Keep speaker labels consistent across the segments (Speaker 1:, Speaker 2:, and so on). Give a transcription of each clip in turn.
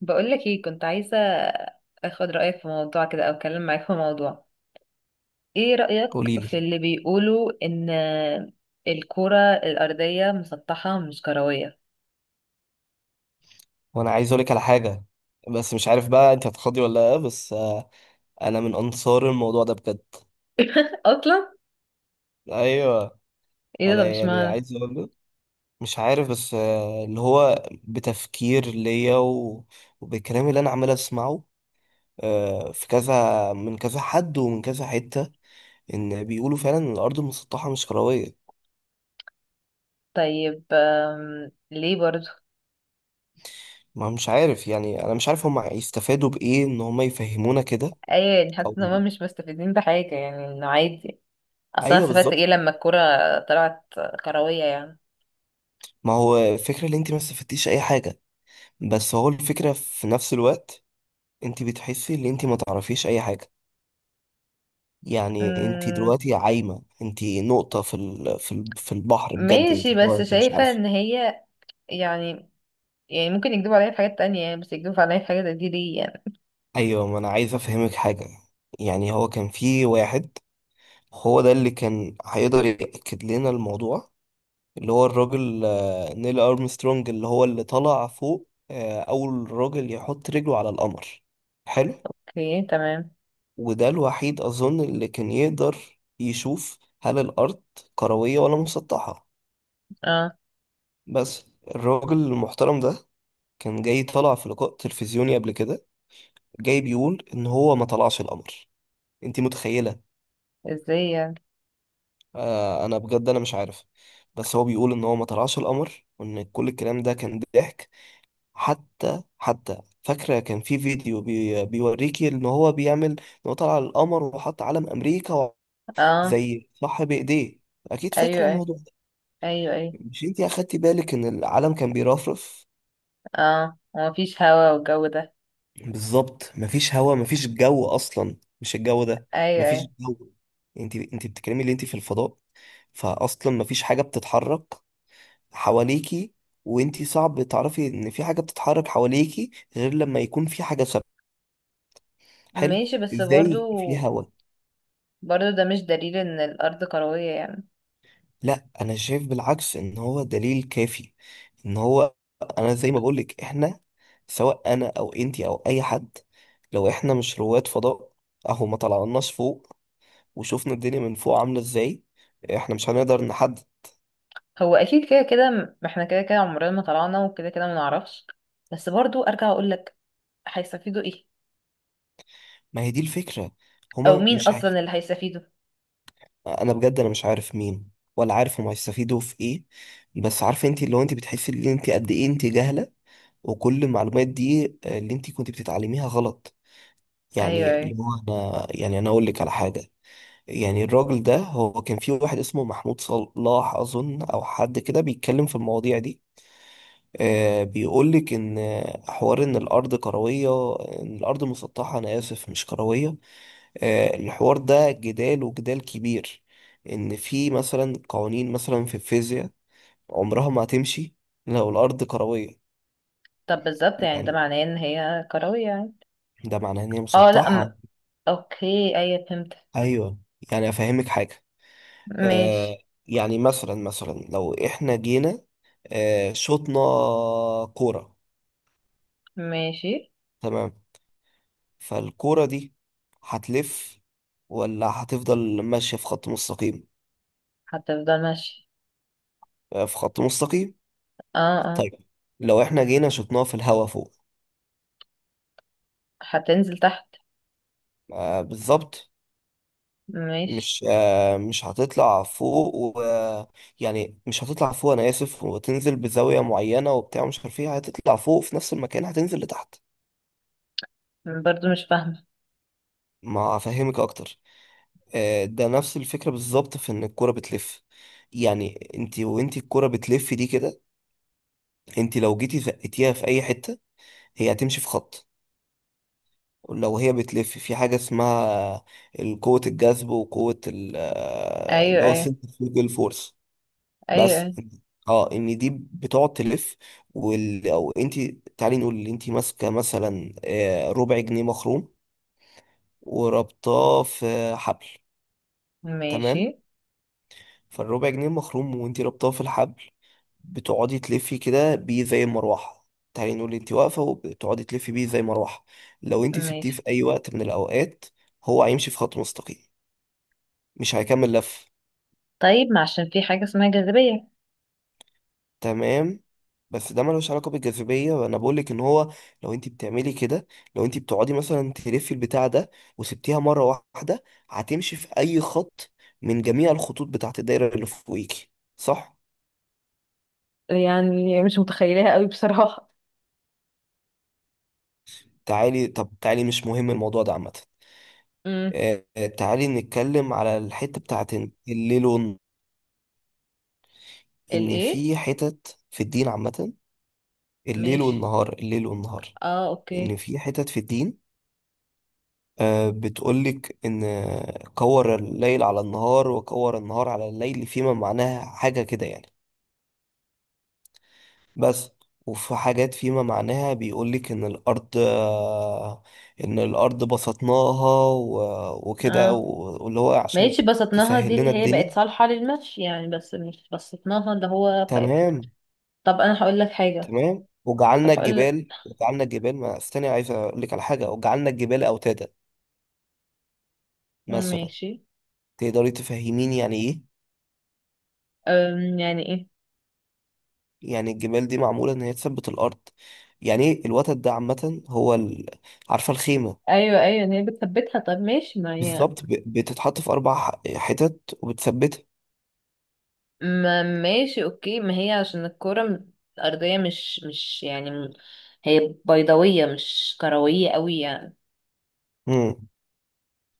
Speaker 1: بقولك ايه، كنت عايزة اخد رأيك في موضوع كده او اتكلم معاك في موضوع. ايه رأيك
Speaker 2: قولي لي.
Speaker 1: في اللي بيقولوا ان الكرة الأرضية مسطحة مش كروية؟
Speaker 2: وانا عايز اقولك على حاجه بس مش عارف بقى انت هتخضي ولا لا، بس انا من انصار الموضوع ده بجد.
Speaker 1: اصلا
Speaker 2: ايوه.
Speaker 1: ايه
Speaker 2: انا
Speaker 1: ده، مش
Speaker 2: يعني
Speaker 1: معنى.
Speaker 2: عايز اقول لك مش عارف بس اللي هو بتفكير ليا وبالكلام اللي انا عمال اسمعه. في كذا من كذا حد ومن كذا حته، ان بيقولوا فعلا ان الارض المسطحه مش كرويه.
Speaker 1: طيب، ليه برضو؟
Speaker 2: ما مش عارف يعني، انا مش عارف هم هيستفادوا بايه ان هم يفهمونا كده
Speaker 1: ايوه، يعني حتى
Speaker 2: او
Speaker 1: إن هما مش مستفيدين بحاجة، يعني انه عادي. اصلا أنا
Speaker 2: ايوه
Speaker 1: استفدت ايه
Speaker 2: بالظبط.
Speaker 1: لما الكرة طلعت كروية يعني؟
Speaker 2: ما هو الفكره اللي انت ما استفدتيش اي حاجه، بس هو الفكرة في نفس الوقت انت بتحسي ان انت ما تعرفيش اي حاجة. يعني انت
Speaker 1: أمم،
Speaker 2: دلوقتي عايمة، انت نقطة في البحر بجد، انت
Speaker 1: ماشي،
Speaker 2: اللي هو
Speaker 1: بس
Speaker 2: انت مش
Speaker 1: شايفة
Speaker 2: عارفة.
Speaker 1: ان هي، يعني يعني ممكن يكذبوا عليا في حاجات تانية، يعني بس يكذبوا عليا في حاجة زي دي ليه يعني؟
Speaker 2: ايوه ما انا عايز افهمك حاجة. يعني هو كان في واحد هو ده اللي كان هيقدر يأكد لنا الموضوع، اللي هو الراجل نيل أرمسترونج اللي هو اللي طلع فوق أول راجل يحط رجله على القمر. حلو.
Speaker 1: اوكي، تمام.
Speaker 2: وده الوحيد أظن اللي كان يقدر يشوف هل الأرض كروية ولا مسطحة.
Speaker 1: اه،
Speaker 2: بس الراجل المحترم ده كان جاي طلع في لقاء تلفزيوني قبل كده، جاي بيقول إن هو ما طلعش القمر. أنت متخيلة؟
Speaker 1: ازاي يعني؟
Speaker 2: أنا بجد أنا مش عارف، بس هو بيقول إن هو ما طلعش القمر، وإن كل الكلام ده كان ضحك. حتى فاكرة كان في فيديو بي بيوريكي إن هو بيعمل إن هو طلع القمر وحط علم أمريكا
Speaker 1: اه.
Speaker 2: زي صح بإيديه. أكيد
Speaker 1: ايوه،
Speaker 2: فاكرة
Speaker 1: ايوه.
Speaker 2: الموضوع.
Speaker 1: ايوه، ايوه.
Speaker 2: مش انتي اخدتي بالك ان العالم كان بيرفرف؟
Speaker 1: اه، ومفيش هوا والجو ده.
Speaker 2: بالظبط، مفيش هوا مفيش جو اصلا مش الجو ده.
Speaker 1: ايوه،
Speaker 2: مفيش
Speaker 1: ايوه.
Speaker 2: جو. انتي بتتكلمي اللي انتي في الفضاء، فاصلا مفيش حاجه بتتحرك حواليكي. وانتي صعب تعرفي ان في حاجه بتتحرك حواليكي غير لما يكون في حاجه ثابته. حلو.
Speaker 1: ماشي، بس برضو،
Speaker 2: ازاي في هوا؟
Speaker 1: برضو ده مش دليل ان الارض كروية يعني.
Speaker 2: لا انا شايف بالعكس ان هو دليل كافي، ان هو انا زي ما بقولك، احنا سواء انا او انتي او اي حد، لو احنا مش رواد فضاء اهو ما طلعناش فوق وشوفنا الدنيا من فوق عاملة ازاي، احنا مش هنقدر نحدد.
Speaker 1: هو اكيد كده كده ما احنا كده كده عمرنا ما طلعنا وكده كده ما نعرفش. بس برضو ارجع اقول لك، هيستفيدوا ايه؟
Speaker 2: ما هي دي الفكرة،
Speaker 1: او
Speaker 2: هما
Speaker 1: مين
Speaker 2: مش عارف.
Speaker 1: اصلا اللي هيستفيدوا؟
Speaker 2: انا بجد انا مش عارف مين، ولا عارف هما هيستفيدوا في ايه. بس عارفه انتي اللي هو انتي بتحسي ان انتي قد ايه انتي جاهلة، وكل المعلومات دي اللي انتي كنت بتتعلميها غلط.
Speaker 1: ايوه،
Speaker 2: يعني
Speaker 1: ايوه.
Speaker 2: اللي هو انا يعني انا اقول لك على حاجه. يعني الراجل ده، هو كان في واحد اسمه محمود صلاح اظن، او حد كده بيتكلم في المواضيع دي. بيقول لك ان حوار ان الارض كرويه، ان الارض مسطحه انا اسف مش كرويه. الحوار ده جدال وجدال كبير. ان في مثلا قوانين مثلا في الفيزياء عمرها ما هتمشي لو الارض كرويه.
Speaker 1: طب بالظبط، يعني ده
Speaker 2: يعني
Speaker 1: معناه ان هي كروية يعني؟
Speaker 2: ده معناه ان هي
Speaker 1: اه، لا،
Speaker 2: مسطحه.
Speaker 1: اوكي، ايوه فهمت.
Speaker 2: ايوه. يعني افهمك حاجه. آه.
Speaker 1: ماشي.
Speaker 2: يعني مثلا لو احنا جينا شطنا كورة.
Speaker 1: ماشي.
Speaker 2: تمام. فالكورة دي هتلف ولا هتفضل ماشية في خط مستقيم؟
Speaker 1: هتفضل ماشي.
Speaker 2: في خط مستقيم.
Speaker 1: اه.
Speaker 2: طيب. لو احنا جينا شطناها في الهوا فوق،
Speaker 1: هتنزل تحت.
Speaker 2: بالظبط.
Speaker 1: ماشي.
Speaker 2: مش هتطلع فوق و، يعني مش هتطلع فوق انا اسف وتنزل بزاوية معينة وبتاع مش عارف ايه، هتطلع فوق في نفس المكان هتنزل لتحت.
Speaker 1: برضو مش فاهمة.
Speaker 2: ما هفهمك اكتر. ده نفس الفكرة بالظبط في ان الكرة بتلف. يعني انت وانت الكرة بتلف دي كده، انت لو جيتي زقتيها في اي حتة هي هتمشي في خط. لو هي بتلف في حاجة اسمها قوة الجذب وقوة
Speaker 1: أيوة،
Speaker 2: اللي هو
Speaker 1: أيوة.
Speaker 2: centrifugal فورس.
Speaker 1: أيوة،
Speaker 2: بس
Speaker 1: أيوة.
Speaker 2: اه ان دي بتقعد تلف. او انت، تعالي نقول ان انت ماسكة مثلا ربع جنيه مخروم وربطاه في حبل.
Speaker 1: ماشي،
Speaker 2: تمام. فالربع جنيه مخروم وانت ربطاه في الحبل، بتقعدي تلفي كده بيه زي المروحة. تعالي نقول انت واقفة وبتقعدي تلفي بيه زي المروحة، لو انت سبتيه في
Speaker 1: ماشي.
Speaker 2: أي وقت من الأوقات هو هيمشي في خط مستقيم، مش هيكمل لف.
Speaker 1: طيب، ما عشان في حاجة اسمها جاذبية.
Speaker 2: تمام. بس ده ملوش علاقة بالجاذبية، أنا بقولك إن هو لو انت بتعملي كده، لو انت بتقعدي مثلا تلفي البتاع ده وسبتيها مرة واحدة، هتمشي في أي خط من جميع الخطوط بتاعت الدايرة اللي فوقيكي. صح؟
Speaker 1: يعني مش متخيلها قوي بصراحة.
Speaker 2: تعالي طب تعالي، مش مهم الموضوع ده عامة.
Speaker 1: امم.
Speaker 2: آه، تعالي نتكلم على الحتة بتاعت إن الليل والنهار، إن
Speaker 1: الايه؟
Speaker 2: في حتت في الدين عامة. الليل
Speaker 1: ماشي،
Speaker 2: والنهار الليل والنهار.
Speaker 1: اه،
Speaker 2: إن
Speaker 1: اوكي.
Speaker 2: في حتت في الدين بتقولك إن كور الليل على النهار وكور النهار على الليل، فيما معناها حاجة كده يعني. بس وفي حاجات فيما معناها بيقولك إن الأرض إن الأرض بسطناها وكده
Speaker 1: اه.
Speaker 2: واللي هو عشان
Speaker 1: ماشي، بسطناها دي
Speaker 2: تسهل
Speaker 1: اللي
Speaker 2: لنا
Speaker 1: هي بقت
Speaker 2: الدنيا.
Speaker 1: صالحة للمشي يعني، بس مش بسطناها اللي هو بقت.
Speaker 2: تمام.
Speaker 1: طب انا هقول لك حاجة.
Speaker 2: تمام
Speaker 1: طب
Speaker 2: وجعلنا
Speaker 1: هقول لك.
Speaker 2: الجبال وجعلنا الجبال ما استني عايز اقول لك على حاجه، وجعلنا الجبال اوتادا مثلا.
Speaker 1: ماشي.
Speaker 2: تقدري تفهميني يعني ايه؟
Speaker 1: يعني ايه؟
Speaker 2: يعني الجبال دي معموله ان هي تثبت الارض. يعني ايه الوتد ده عامه هو ال...، عارفه الخيمه؟
Speaker 1: ايوه، ايوه، ان هي بتثبتها. طب ماشي ما هي.
Speaker 2: بالظبط، بتتحط في اربع حتت وبتثبتها.
Speaker 1: ما ماشي، اوكي، ما هي عشان الكرة الأرضية مش يعني هي بيضاوية مش كروية قوي يعني،
Speaker 2: امم.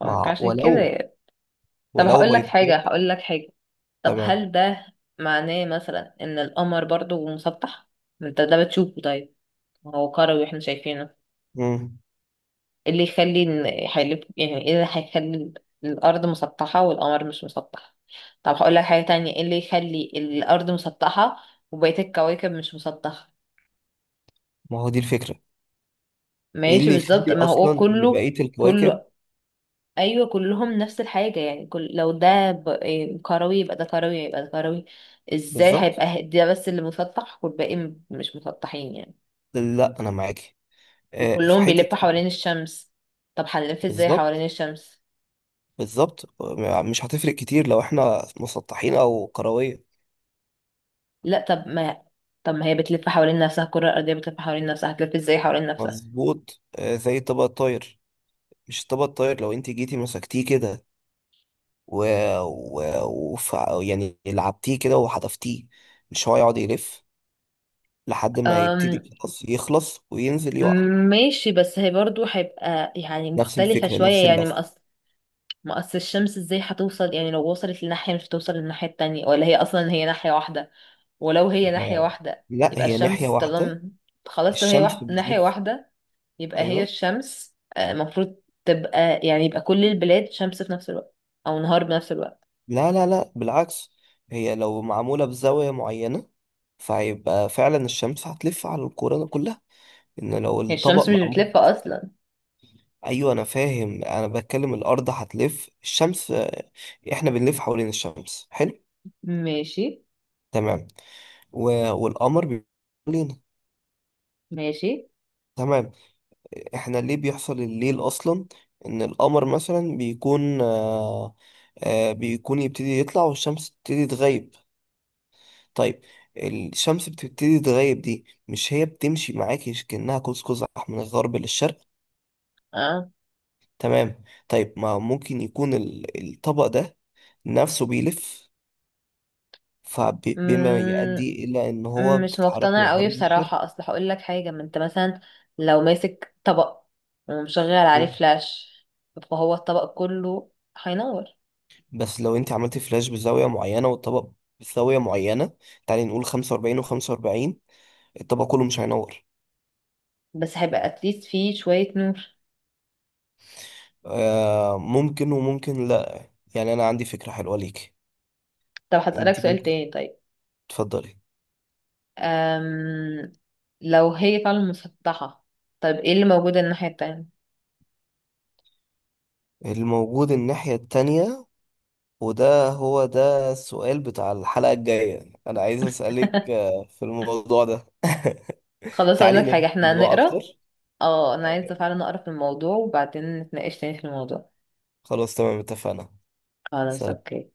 Speaker 1: فممكن
Speaker 2: مع
Speaker 1: عشان كده
Speaker 2: ولو،
Speaker 1: يعني. طب،
Speaker 2: ولو
Speaker 1: هقول لك حاجة
Speaker 2: بيضاوي.
Speaker 1: هقول لك حاجة طب
Speaker 2: تمام.
Speaker 1: هل ده معناه مثلا ان القمر برضو مسطح؟ ما انت ده بتشوفه طيب. ما هو كروي واحنا شايفينه.
Speaker 2: امم.
Speaker 1: إيه اللي يخلي ان هيلف يعني؟ ايه اللي هيخلي الارض مسطحة والقمر مش مسطح؟ طب هقول لك حاجة تانية، ايه اللي يخلي الارض مسطحة وبقية الكواكب مش مسطحة؟
Speaker 2: ما هو دي الفكره. ايه
Speaker 1: ماشي
Speaker 2: اللي
Speaker 1: بالظبط،
Speaker 2: يخلي
Speaker 1: ما
Speaker 2: اصلا
Speaker 1: هو
Speaker 2: ان
Speaker 1: كله،
Speaker 2: بقيه الكواكب.
Speaker 1: كله. ايوه كلهم نفس الحاجه يعني، كل لو ده إيه، كروي، يبقى ده كروي يبقى ده كروي. ازاي
Speaker 2: بالظبط.
Speaker 1: هيبقى ده بس اللي مسطح والباقي مش مسطحين يعني؟
Speaker 2: لا انا معاكي. في
Speaker 1: وكلهم
Speaker 2: حته
Speaker 1: بيلفوا حوالين الشمس. طب هنلف ازاي
Speaker 2: بالظبط.
Speaker 1: حوالين الشمس؟
Speaker 2: بالظبط، مش هتفرق كتير لو احنا مسطحين او كرويه.
Speaker 1: لا، طب ما هي بتلف حوالين نفسها، الكره الارضيه بتلف حوالين نفسها، هتلف ازاي حوالين نفسها؟
Speaker 2: مظبوط. زي الطبق الطاير. مش الطبق الطاير، لو انت جيتي مسكتيه كده و... و... يعني لعبتيه كده وحدفتيه، مش هو يقعد يلف لحد ما
Speaker 1: أم...
Speaker 2: يبتدي خلاص يخلص وينزل يقع.
Speaker 1: ماشي، بس هي برضو هيبقى يعني
Speaker 2: نفس
Speaker 1: مختلفه
Speaker 2: الفكره نفس
Speaker 1: شويه يعني. ما
Speaker 2: اللفه.
Speaker 1: اصل الشمس ازاي هتوصل يعني، لو وصلت لناحية مش هتوصل للناحية التانية؟ ولا هي اصلا هي ناحية واحدة؟ ولو هي ناحية
Speaker 2: آه،
Speaker 1: واحدة
Speaker 2: لا
Speaker 1: يبقى
Speaker 2: هي ناحيه
Speaker 1: الشمس
Speaker 2: واحده.
Speaker 1: طالما، خلاص لو هي
Speaker 2: الشمس
Speaker 1: ناحية
Speaker 2: بتلف.
Speaker 1: واحدة، يبقى هي
Speaker 2: ايوه.
Speaker 1: الشمس المفروض تبقى، يعني يبقى كل البلاد شمس في نفس الوقت او نهار بنفس الوقت.
Speaker 2: لا، لا، لا بالعكس، هي لو معمولة بزاوية معينة فهيبقى فعلا الشمس هتلف على الكورة ده كلها، ان لو
Speaker 1: هي
Speaker 2: الطبق
Speaker 1: الشمس مش
Speaker 2: معمول.
Speaker 1: بتلف اصلا.
Speaker 2: ايوه انا فاهم. انا بتكلم الارض هتلف الشمس. احنا بنلف حوالين الشمس. حلو.
Speaker 1: ماشي.
Speaker 2: تمام. و...، والقمر بيلف حوالينا.
Speaker 1: ماشي،
Speaker 2: تمام. احنا ليه بيحصل الليل اصلا؟ ان القمر مثلا بيكون بيكون يبتدي يطلع والشمس تبتدي تغيب. طيب. الشمس بتبتدي تغيب دي مش هي بتمشي معاكي كأنها قوس قزح من الغرب للشرق؟
Speaker 1: اه،
Speaker 2: تمام. طيب ما ممكن يكون الطبق ده نفسه بيلف، فبما يؤدي إلى إن هو
Speaker 1: مش
Speaker 2: بتتحرك من
Speaker 1: مقتنعة قوي
Speaker 2: الغرب للشرق.
Speaker 1: بصراحة. اصل هقول لك حاجة، ما انت مثلا لو ماسك طبق ومشغل عليه
Speaker 2: مم.
Speaker 1: فلاش، فهو الطبق كله هينور.
Speaker 2: بس لو أنت عملتي فلاش بزاوية معينة والطبق بزاوية معينة، تعالي نقول 45 و45 الطبق كله مش هينور.
Speaker 1: بس هيبقى اتليست فيه شوية نور.
Speaker 2: آه ممكن وممكن لأ. يعني أنا عندي فكرة حلوة ليكي.
Speaker 1: طب هسألك
Speaker 2: أنت
Speaker 1: سؤال
Speaker 2: ممكن،
Speaker 1: تاني طيب.
Speaker 2: تفضلي.
Speaker 1: أم... لو هي فعلا مسطحة، طيب ايه اللي موجود الناحية التانية؟
Speaker 2: الموجود الناحية التانية، وده هو ده السؤال بتاع الحلقة الجاية أنا عايز أسألك في الموضوع ده.
Speaker 1: خلاص، اقول
Speaker 2: تعالي
Speaker 1: لك
Speaker 2: نرجع
Speaker 1: حاجة، احنا
Speaker 2: الموضوع أكتر.
Speaker 1: هنقرا. اه، انا عايزة فعلا اقرا في الموضوع وبعدين نتناقش تاني في الموضوع.
Speaker 2: خلاص تمام اتفقنا.
Speaker 1: خلاص
Speaker 2: سلام.
Speaker 1: اوكي.